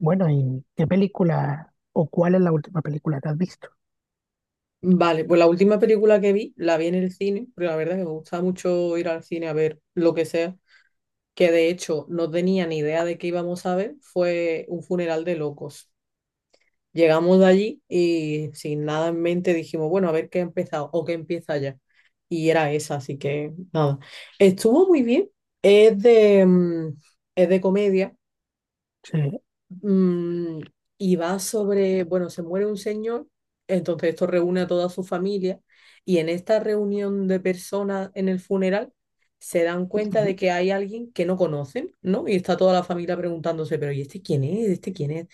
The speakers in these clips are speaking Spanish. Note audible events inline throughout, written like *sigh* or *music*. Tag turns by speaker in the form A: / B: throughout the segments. A: Bueno, ¿y qué película o cuál es la última película que has visto?
B: Vale, pues la última película que vi, la vi en el cine, porque la verdad es que me gusta mucho ir al cine a ver lo que sea, que de hecho no tenía ni idea de qué íbamos a ver, fue un funeral de locos. Llegamos de allí y sin nada en mente dijimos, bueno, a ver qué ha empezado o qué empieza ya. Y era esa, así que nada. Estuvo muy bien, es de, mm, es de comedia.
A: Sí,
B: Mm, y va sobre, bueno, se muere un señor, entonces esto reúne a toda su familia y en esta reunión de personas en el funeral se dan cuenta
A: sí,
B: de que hay alguien que no conocen, ¿no? Y está toda la familia preguntándose, pero ¿y este quién es? ¿Este quién es?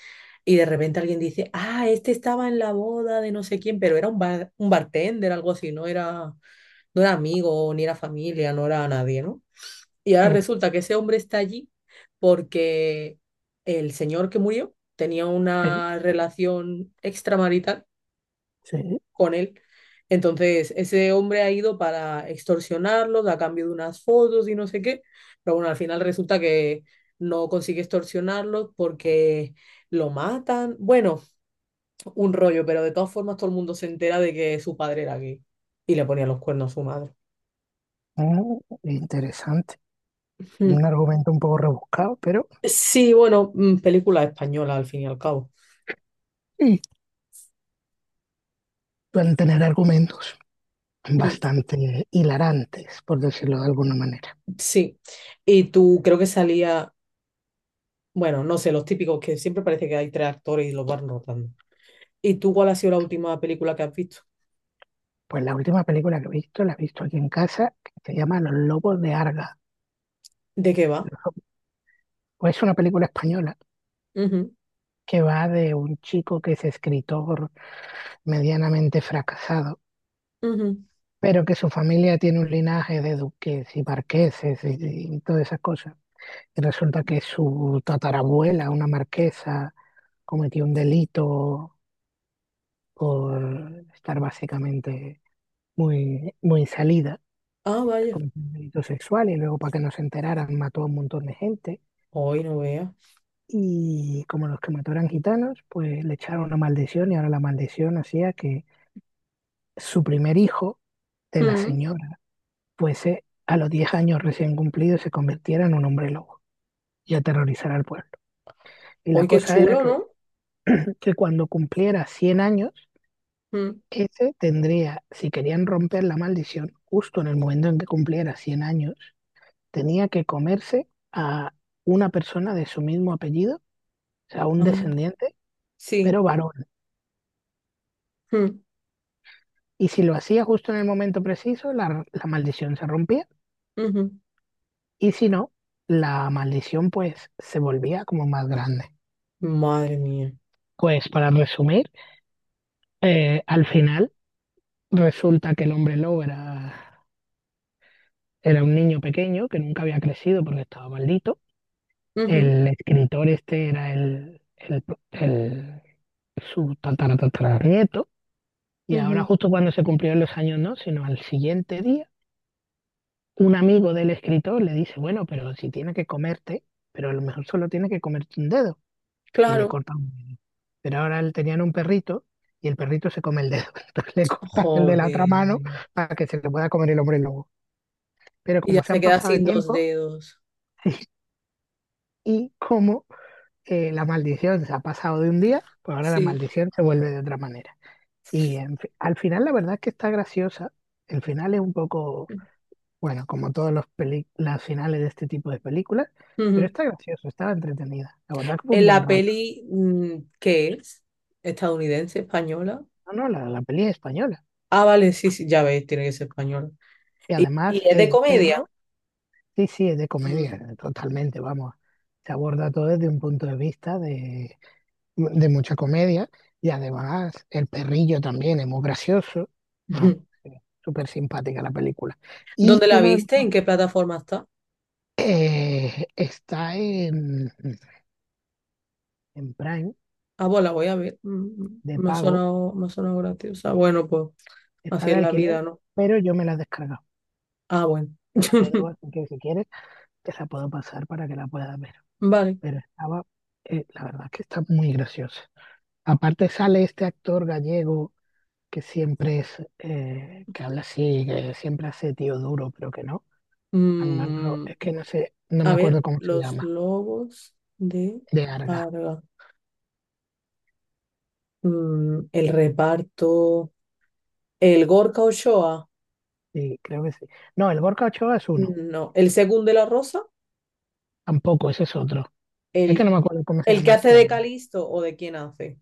B: Y de repente alguien dice, ah, este estaba en la boda de no sé quién, pero era un bartender, algo así, no era, no era amigo, ni era familia, no era nadie, ¿no? Y ahora resulta que ese hombre está allí porque el señor que murió tenía
A: sí,
B: una relación extramarital
A: sí.
B: con él. Entonces, ese hombre ha ido para extorsionarlos a cambio de unas fotos y no sé qué. Pero bueno, al final resulta que no consigue extorsionarlos porque lo matan. Bueno, un rollo, pero de todas formas todo el mundo se entera de que su padre era gay y le ponía los cuernos a su madre.
A: Ah, interesante.
B: Mm.
A: Un argumento un poco rebuscado, pero
B: Sí, bueno, película española al fin y al cabo.
A: sí, pueden tener argumentos
B: Mm.
A: bastante hilarantes, por decirlo de alguna manera.
B: Sí, y tú creo que salía, bueno, no sé, los típicos que siempre parece que hay tres actores y los van rotando. ¿Y tú cuál ha sido la última película que has visto?
A: Pues la última película que he visto, la he visto aquí en casa, que se llama Los Lobos de Arga.
B: ¿De qué va?
A: Pues es una película española
B: Ujú,
A: que va de un chico que es escritor medianamente fracasado
B: ujú.
A: pero que su familia tiene un linaje de duques y marqueses y todas esas cosas. Y resulta que su tatarabuela, una marquesa, cometió un delito por estar básicamente muy, muy salida,
B: Ah, vaya.
A: cometió un delito sexual y luego para que no se enteraran mató a un montón de gente.
B: Hoy no veas.
A: Y como los que mató eran gitanos, pues le echaron una maldición y ahora la maldición hacía que su primer hijo de la
B: Mm.
A: señora fuese a los 10 años recién cumplidos se convirtiera en un hombre lobo y aterrorizara al pueblo. Y la
B: Hoy qué
A: cosa era
B: chulo,
A: que,
B: ¿no?
A: que cuando cumpliera 100 años,
B: Mm.
A: ese tendría, si querían romper la maldición, justo en el momento en que cumpliera 100 años, tenía que comerse a una persona de su mismo apellido, o sea, un
B: Ay,
A: descendiente,
B: sí.
A: pero varón.
B: Mm,
A: Y si lo hacía justo en el momento preciso, la maldición se rompía.
B: ujú.
A: Y si no, la maldición pues se volvía como más grande.
B: Madre mía.
A: Pues para resumir, al final resulta que el hombre lobo era un niño pequeño que nunca había crecido porque estaba maldito.
B: Ujú,
A: El escritor este era el su tatara, tatara. Y ahora
B: ujú.
A: justo cuando se cumplieron los años, no, sino al siguiente día, un amigo del escritor le dice, bueno, pero si tiene que comerte, pero a lo mejor solo tiene que comerte un dedo. Y le
B: Claro.
A: corta un dedo. Pero ahora él tenía un perrito y el perrito se come el dedo. *laughs* Entonces le corta el de la otra mano
B: Joder.
A: para que se le pueda comer el hombre lobo, pero
B: Y ya
A: como se
B: se
A: han
B: queda
A: pasado de
B: sin dos
A: tiempo
B: dedos.
A: *laughs* y como la maldición se ha pasado de un día, pues ahora la
B: Sí.
A: maldición se vuelve de otra manera. Al final la verdad es que está graciosa. El final es un poco, bueno, como todos los las finales de este tipo de películas, pero
B: Ujú.
A: está gracioso, está entretenida. La verdad que fue un
B: En
A: buen
B: la
A: rato.
B: peli, mm, ¿qué es? ¿Estadounidense, española?
A: No, no, la peli es española.
B: Ah, vale, sí, sí, ya ves, tiene que ser española.
A: Y además
B: Y es de
A: el
B: comedia?
A: perro, sí, sí, es de
B: Mm.
A: comedia, totalmente, vamos. Se aborda todo desde un punto de vista de mucha comedia y además el perrillo también es muy gracioso. Vamos,
B: *laughs*
A: es súper simpática la película. Y
B: ¿Dónde la
A: uno de
B: viste?
A: los-
B: ¿En qué plataforma está?
A: Está en Prime
B: Ah, pues la voy a ver. Mm, mm,
A: de
B: me ha
A: pago,
B: sonado, me ha sonado graciosa. Bueno, pues
A: está
B: así es
A: de
B: la
A: alquiler,
B: vida, ¿no?
A: pero yo me la he descargado.
B: Ah, bueno.
A: La tengo,
B: *laughs*
A: así que si quieres te la puedo pasar para que la puedas ver.
B: Vale.
A: Pero estaba, la verdad es que está muy graciosa. Aparte sale este actor gallego que siempre es, que habla así, que siempre hace tío duro, pero que no. Al Manolo,
B: Mm,
A: es que no sé, no
B: a
A: me acuerdo
B: ver,
A: cómo se
B: los
A: llama,
B: lobos de
A: de Arga,
B: Arga. Mm, el reparto. El Gorka Ochoa.
A: sí, creo que sí. No, el Gorka Ochoa es uno,
B: No. El segundo de la Rosa.
A: tampoco, ese es otro. Es que
B: El,
A: no me acuerdo cómo se
B: el que
A: llama
B: hace
A: este
B: de
A: hombre.
B: Calisto o de quién hace.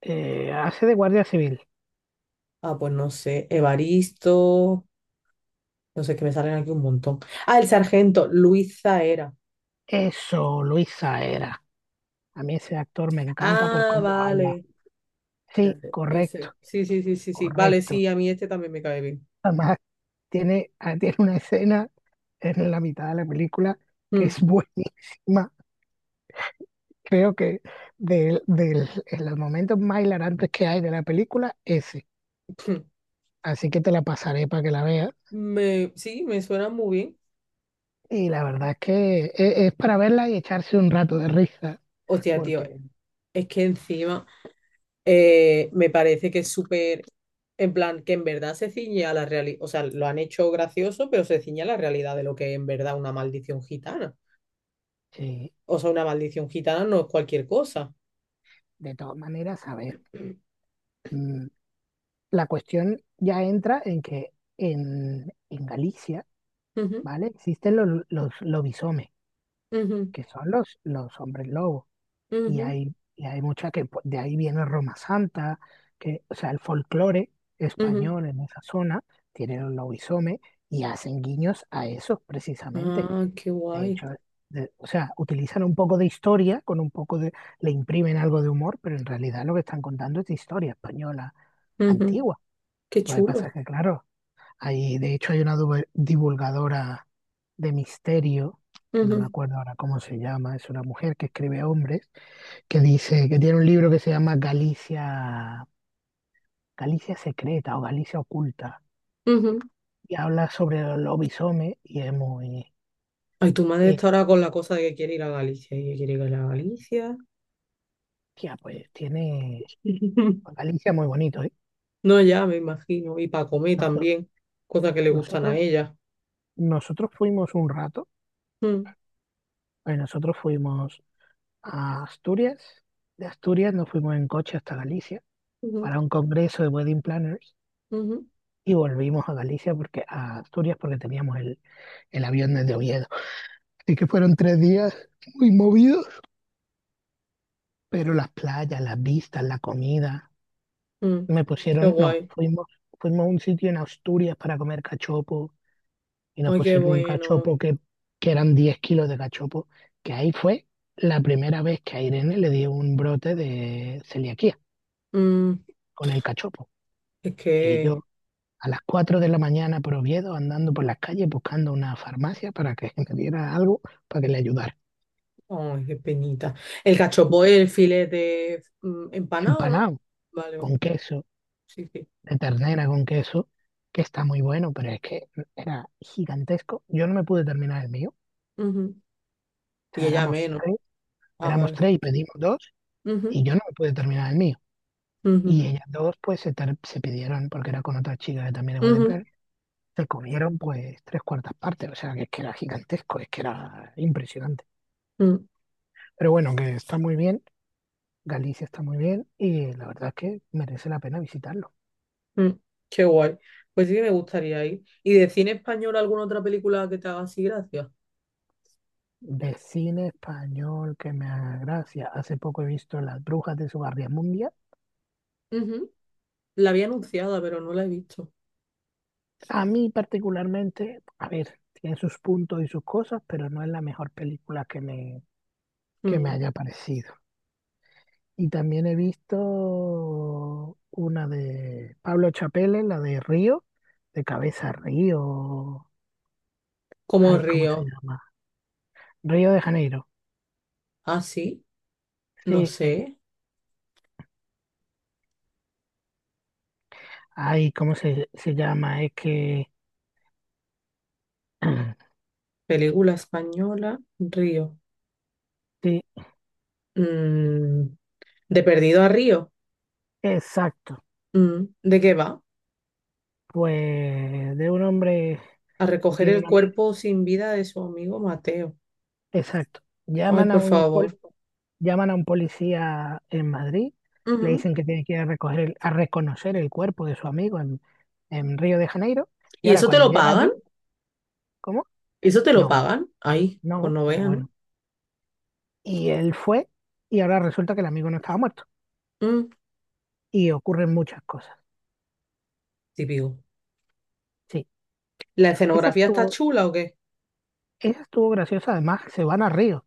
A: Hace de guardia civil.
B: Ah, pues no sé. Evaristo. No sé, que me salen aquí un montón. Ah, el sargento, Luis Zaera.
A: Eso, Luis Saera. A mí ese actor me encanta por
B: Ah,
A: cómo habla.
B: vale.
A: Sí,
B: Espérate,
A: correcto,
B: ese. Sí, sí, sí, sí, sí. Vale,
A: correcto.
B: sí, a mí este también me cae bien.
A: Además, tiene, tiene una escena en la mitad de la película que
B: Mm.
A: es *laughs* buenísima. Creo que en los momentos más hilarantes que hay de la película, ese.
B: *laughs*
A: Así que te la pasaré para que la veas.
B: *clears throat* Me, sí, me suena muy bien.
A: Y la verdad es que es, para verla y echarse un rato de risa,
B: Hostia, tío,
A: porque
B: es que encima me parece que es súper, en plan, que en verdad se ciñe a la realidad, o sea, lo han hecho gracioso, pero se ciñe a la realidad de lo que es en verdad una maldición gitana.
A: sí,
B: O sea, una maldición gitana no es cualquier cosa.
A: de todas maneras, a ver, mm, la cuestión ya entra en que en Galicia,
B: Ujú,
A: ¿vale? Existen los lobisomes,
B: ujú,
A: que son los hombres lobos, y
B: ujú,
A: hay, y hay mucha que pues, de ahí viene Roma Santa, que, o sea, el folclore
B: ujú.
A: español en esa zona tiene los lobisomes y hacen guiños a esos precisamente.
B: Ah, qué
A: De
B: guay.
A: hecho, o sea, utilizan un poco de historia, con un poco de, le imprimen algo de humor, pero en realidad lo que están contando es de historia española
B: Ujú,
A: antigua.
B: qué
A: Lo que pasa es
B: chulo.
A: que, claro, hay, de hecho hay una divulgadora de misterio, que no me
B: Ujú,
A: acuerdo ahora cómo se llama, es una mujer que escribe a hombres, que dice que tiene un libro que se llama Galicia, Galicia Secreta o Galicia Oculta,
B: ujú.
A: y habla sobre los lobisomes y es muy,
B: Ay, tu madre
A: eh,
B: está ahora con la cosa de que quiere ir a Galicia y que quiere ir a Galicia.
A: tía, pues tiene pues
B: *laughs*
A: Galicia muy bonito, ¿eh?
B: No, ya me imagino. Y para comer
A: Noso-
B: también, cosas que le gustan a
A: Nosotros,
B: ella.
A: nosotros fuimos un rato,
B: Mm,
A: nosotros fuimos a Asturias, de Asturias nos fuimos en coche hasta Galicia
B: ujú,
A: para un congreso de wedding planners
B: ujú,
A: y volvimos a Galicia porque a Asturias porque teníamos el avión desde Oviedo. Así que fueron 3 días muy movidos, pero las playas, las vistas, la comida,
B: mm.
A: me
B: Qué
A: pusieron, no,
B: guay.
A: fuimos a un sitio en Asturias para comer cachopo y nos
B: Ay, qué
A: pusieron un
B: bueno.
A: cachopo que eran 10 kilos de cachopo, que ahí fue la primera vez que a Irene le dio un brote de celiaquía
B: Mm,
A: con el cachopo.
B: es
A: Y
B: que
A: yo a las 4 de la mañana por Oviedo andando por las calles buscando una farmacia para que *laughs* me diera algo para que le ayudara.
B: Ay, qué penita. El cachopo es el filete empanado, ¿no?
A: Empanado
B: Vale,
A: con
B: vale.
A: queso,
B: Sí, sí.
A: de ternera con queso, que está muy bueno, pero es que era gigantesco. Yo no me pude terminar el mío.
B: Ujú.
A: O
B: Y
A: sea,
B: ella menos. Ah,
A: éramos
B: vale.
A: tres y pedimos dos
B: Ujú,
A: y yo no me pude terminar el mío.
B: ujú,
A: Y ellas dos, pues, se pidieron, porque era con otra chica que también es wedding
B: ujú,
A: planner, se comieron, pues, tres cuartas partes. O sea, que es que era gigantesco, es que era impresionante. Pero bueno, que está muy bien, Galicia está muy bien, y la verdad es que merece la pena visitarlo.
B: mm, mm. Qué guay. Pues sí que me gustaría ir. ¿Y de cine español alguna otra película que te haga así gracia?
A: De cine español que me haga gracia. Hace poco he visto Las Brujas de Mundial.
B: Ujú. La había anunciada, pero no la he visto.
A: A mí particularmente, a ver, tiene sus puntos y sus cosas, pero no es la mejor película que me
B: Mm.
A: haya parecido. Y también he visto una de Pablo Chapelle, la de Río, de Cabeza Río.
B: Como
A: Ay, ¿cómo se
B: Río.
A: llama? Río de Janeiro.
B: Ah, sí. No
A: Sí,
B: sé.
A: ay, ¿cómo se llama? Es que. *clears throat*
B: Película española, Río.
A: Sí,
B: Mm. De Perdido a Río.
A: exacto.
B: Mm. ¿De qué va?
A: Pues de un hombre
B: A
A: que
B: recoger
A: tiene
B: el
A: una.
B: cuerpo sin vida de su amigo Mateo.
A: Exacto.
B: Ay,
A: Llaman a
B: por
A: un, pol-
B: favor.
A: llaman a un policía en Madrid, le
B: Ujú.
A: dicen que tiene que ir a, a reconocer el cuerpo de su amigo en, Río de Janeiro, y
B: ¿Y
A: ahora
B: eso te
A: cuando
B: lo
A: llega
B: pagan?
A: allí. ¿Cómo?
B: ¿Eso te lo
A: No,
B: pagan? Ay, pues
A: no,
B: no
A: pero
B: vea, ¿no?
A: bueno. Y él fue y ahora resulta que el amigo no estaba muerto.
B: Mm,
A: Y ocurren muchas cosas.
B: típico.
A: Sí,
B: ¿La
A: esa
B: escenografía está
A: estuvo,
B: chula o qué?
A: esa estuvo graciosa. Además, se van a Río,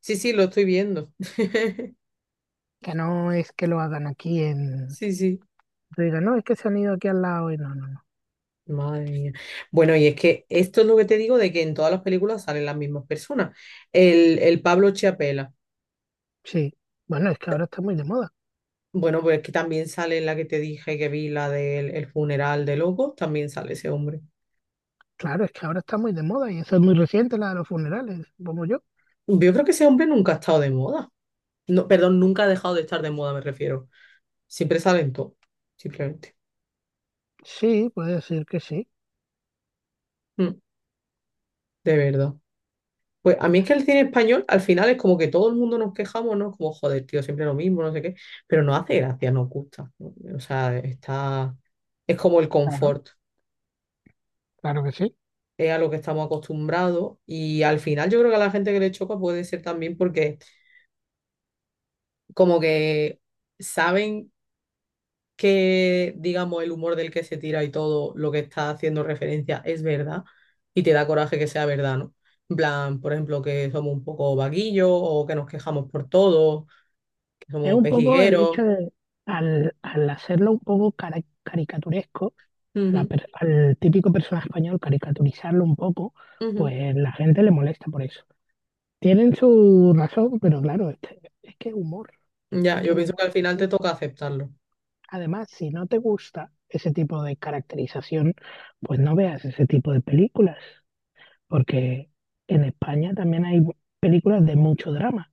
B: Sí, sí, lo estoy viendo. *laughs*
A: que no es que lo hagan aquí en...
B: Sí, sí.
A: Te digan, no, es que se han ido aquí al lado y no, no, no.
B: Madre mía. Bueno, y es que esto es lo que te digo de que en todas las películas salen las mismas personas. El Pablo Chiapela.
A: Sí, bueno, es que ahora está muy de moda.
B: Bueno, pues es que también sale en la que te dije que vi, la del el funeral de Locos, también sale ese hombre.
A: Claro, es que ahora está muy de moda y eso es muy reciente, la de los funerales, como yo.
B: Yo creo que ese hombre nunca ha estado de moda. No, perdón, nunca ha dejado de estar de moda, me refiero. Siempre sale en todo, simplemente.
A: Sí, puede decir que sí.
B: Mm, de verdad. Pues a mí es que el cine español al final es como que todo el mundo nos quejamos, ¿no? Como, joder, tío, siempre lo mismo, no sé qué. Pero no hace gracia, nos gusta, ¿no? O sea, está. Es como el
A: Claro,
B: confort,
A: claro que sí.
B: es a lo que estamos acostumbrados. Y al final yo creo que a la gente que le choca puede ser también porque, como que saben que, digamos, el humor del que se tira y todo lo que está haciendo referencia es verdad y te da coraje que sea verdad, ¿no? En plan, por ejemplo, que somos un poco vaguillos o que nos quejamos por todo, que
A: Es
B: somos
A: un poco el hecho
B: pejigueros.
A: de, al hacerlo un poco caricaturesco, a
B: Ujú,
A: al típico personaje español, caricaturizarlo un poco,
B: ujú.
A: pues la gente le molesta por eso. Tienen su razón, pero claro, es que humor, es
B: Ya,
A: que
B: yo
A: el
B: pienso que
A: humor
B: al
A: es
B: final te
A: así.
B: toca aceptarlo.
A: Además, si no te gusta ese tipo de caracterización, pues no veas ese tipo de películas, porque en España también hay películas de mucho drama.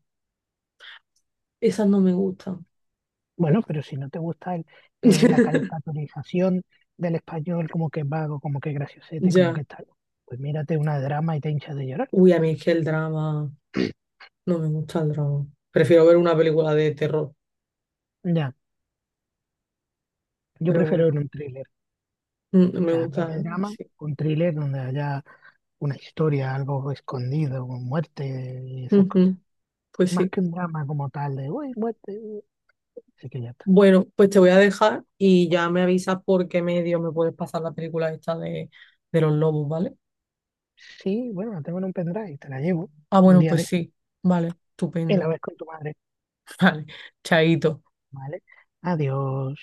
B: Esas no me gustan.
A: Bueno, pero si no te gusta la
B: *laughs*
A: caricaturización del español como que es vago, como que es graciosete, como
B: Ya.
A: que es tal, pues mírate una drama y te hinchas de llorar.
B: Uy, a mí es que el drama, no me gusta el drama. Prefiero ver una película de terror,
A: Ya. Yo
B: pero bueno,
A: prefiero ver un thriller, o
B: me
A: sea, en vez
B: gusta,
A: de drama,
B: sí.
A: un thriller donde haya una historia, algo escondido, con muerte y esas cosas.
B: Ujú, pues
A: Más
B: sí.
A: que un drama como tal de, uy, muerte, uy". Así que ya está.
B: Bueno, pues te voy a dejar y ya me avisas por qué medio me puedes pasar la película esta de los lobos, ¿vale?
A: Sí, bueno, la tengo en un pendrive, te la llevo
B: Ah,
A: un
B: bueno,
A: día de
B: pues
A: esto
B: sí, vale,
A: y la
B: estupendo.
A: ves con tu madre,
B: *laughs* Vale, chaito.
A: ¿vale? Adiós.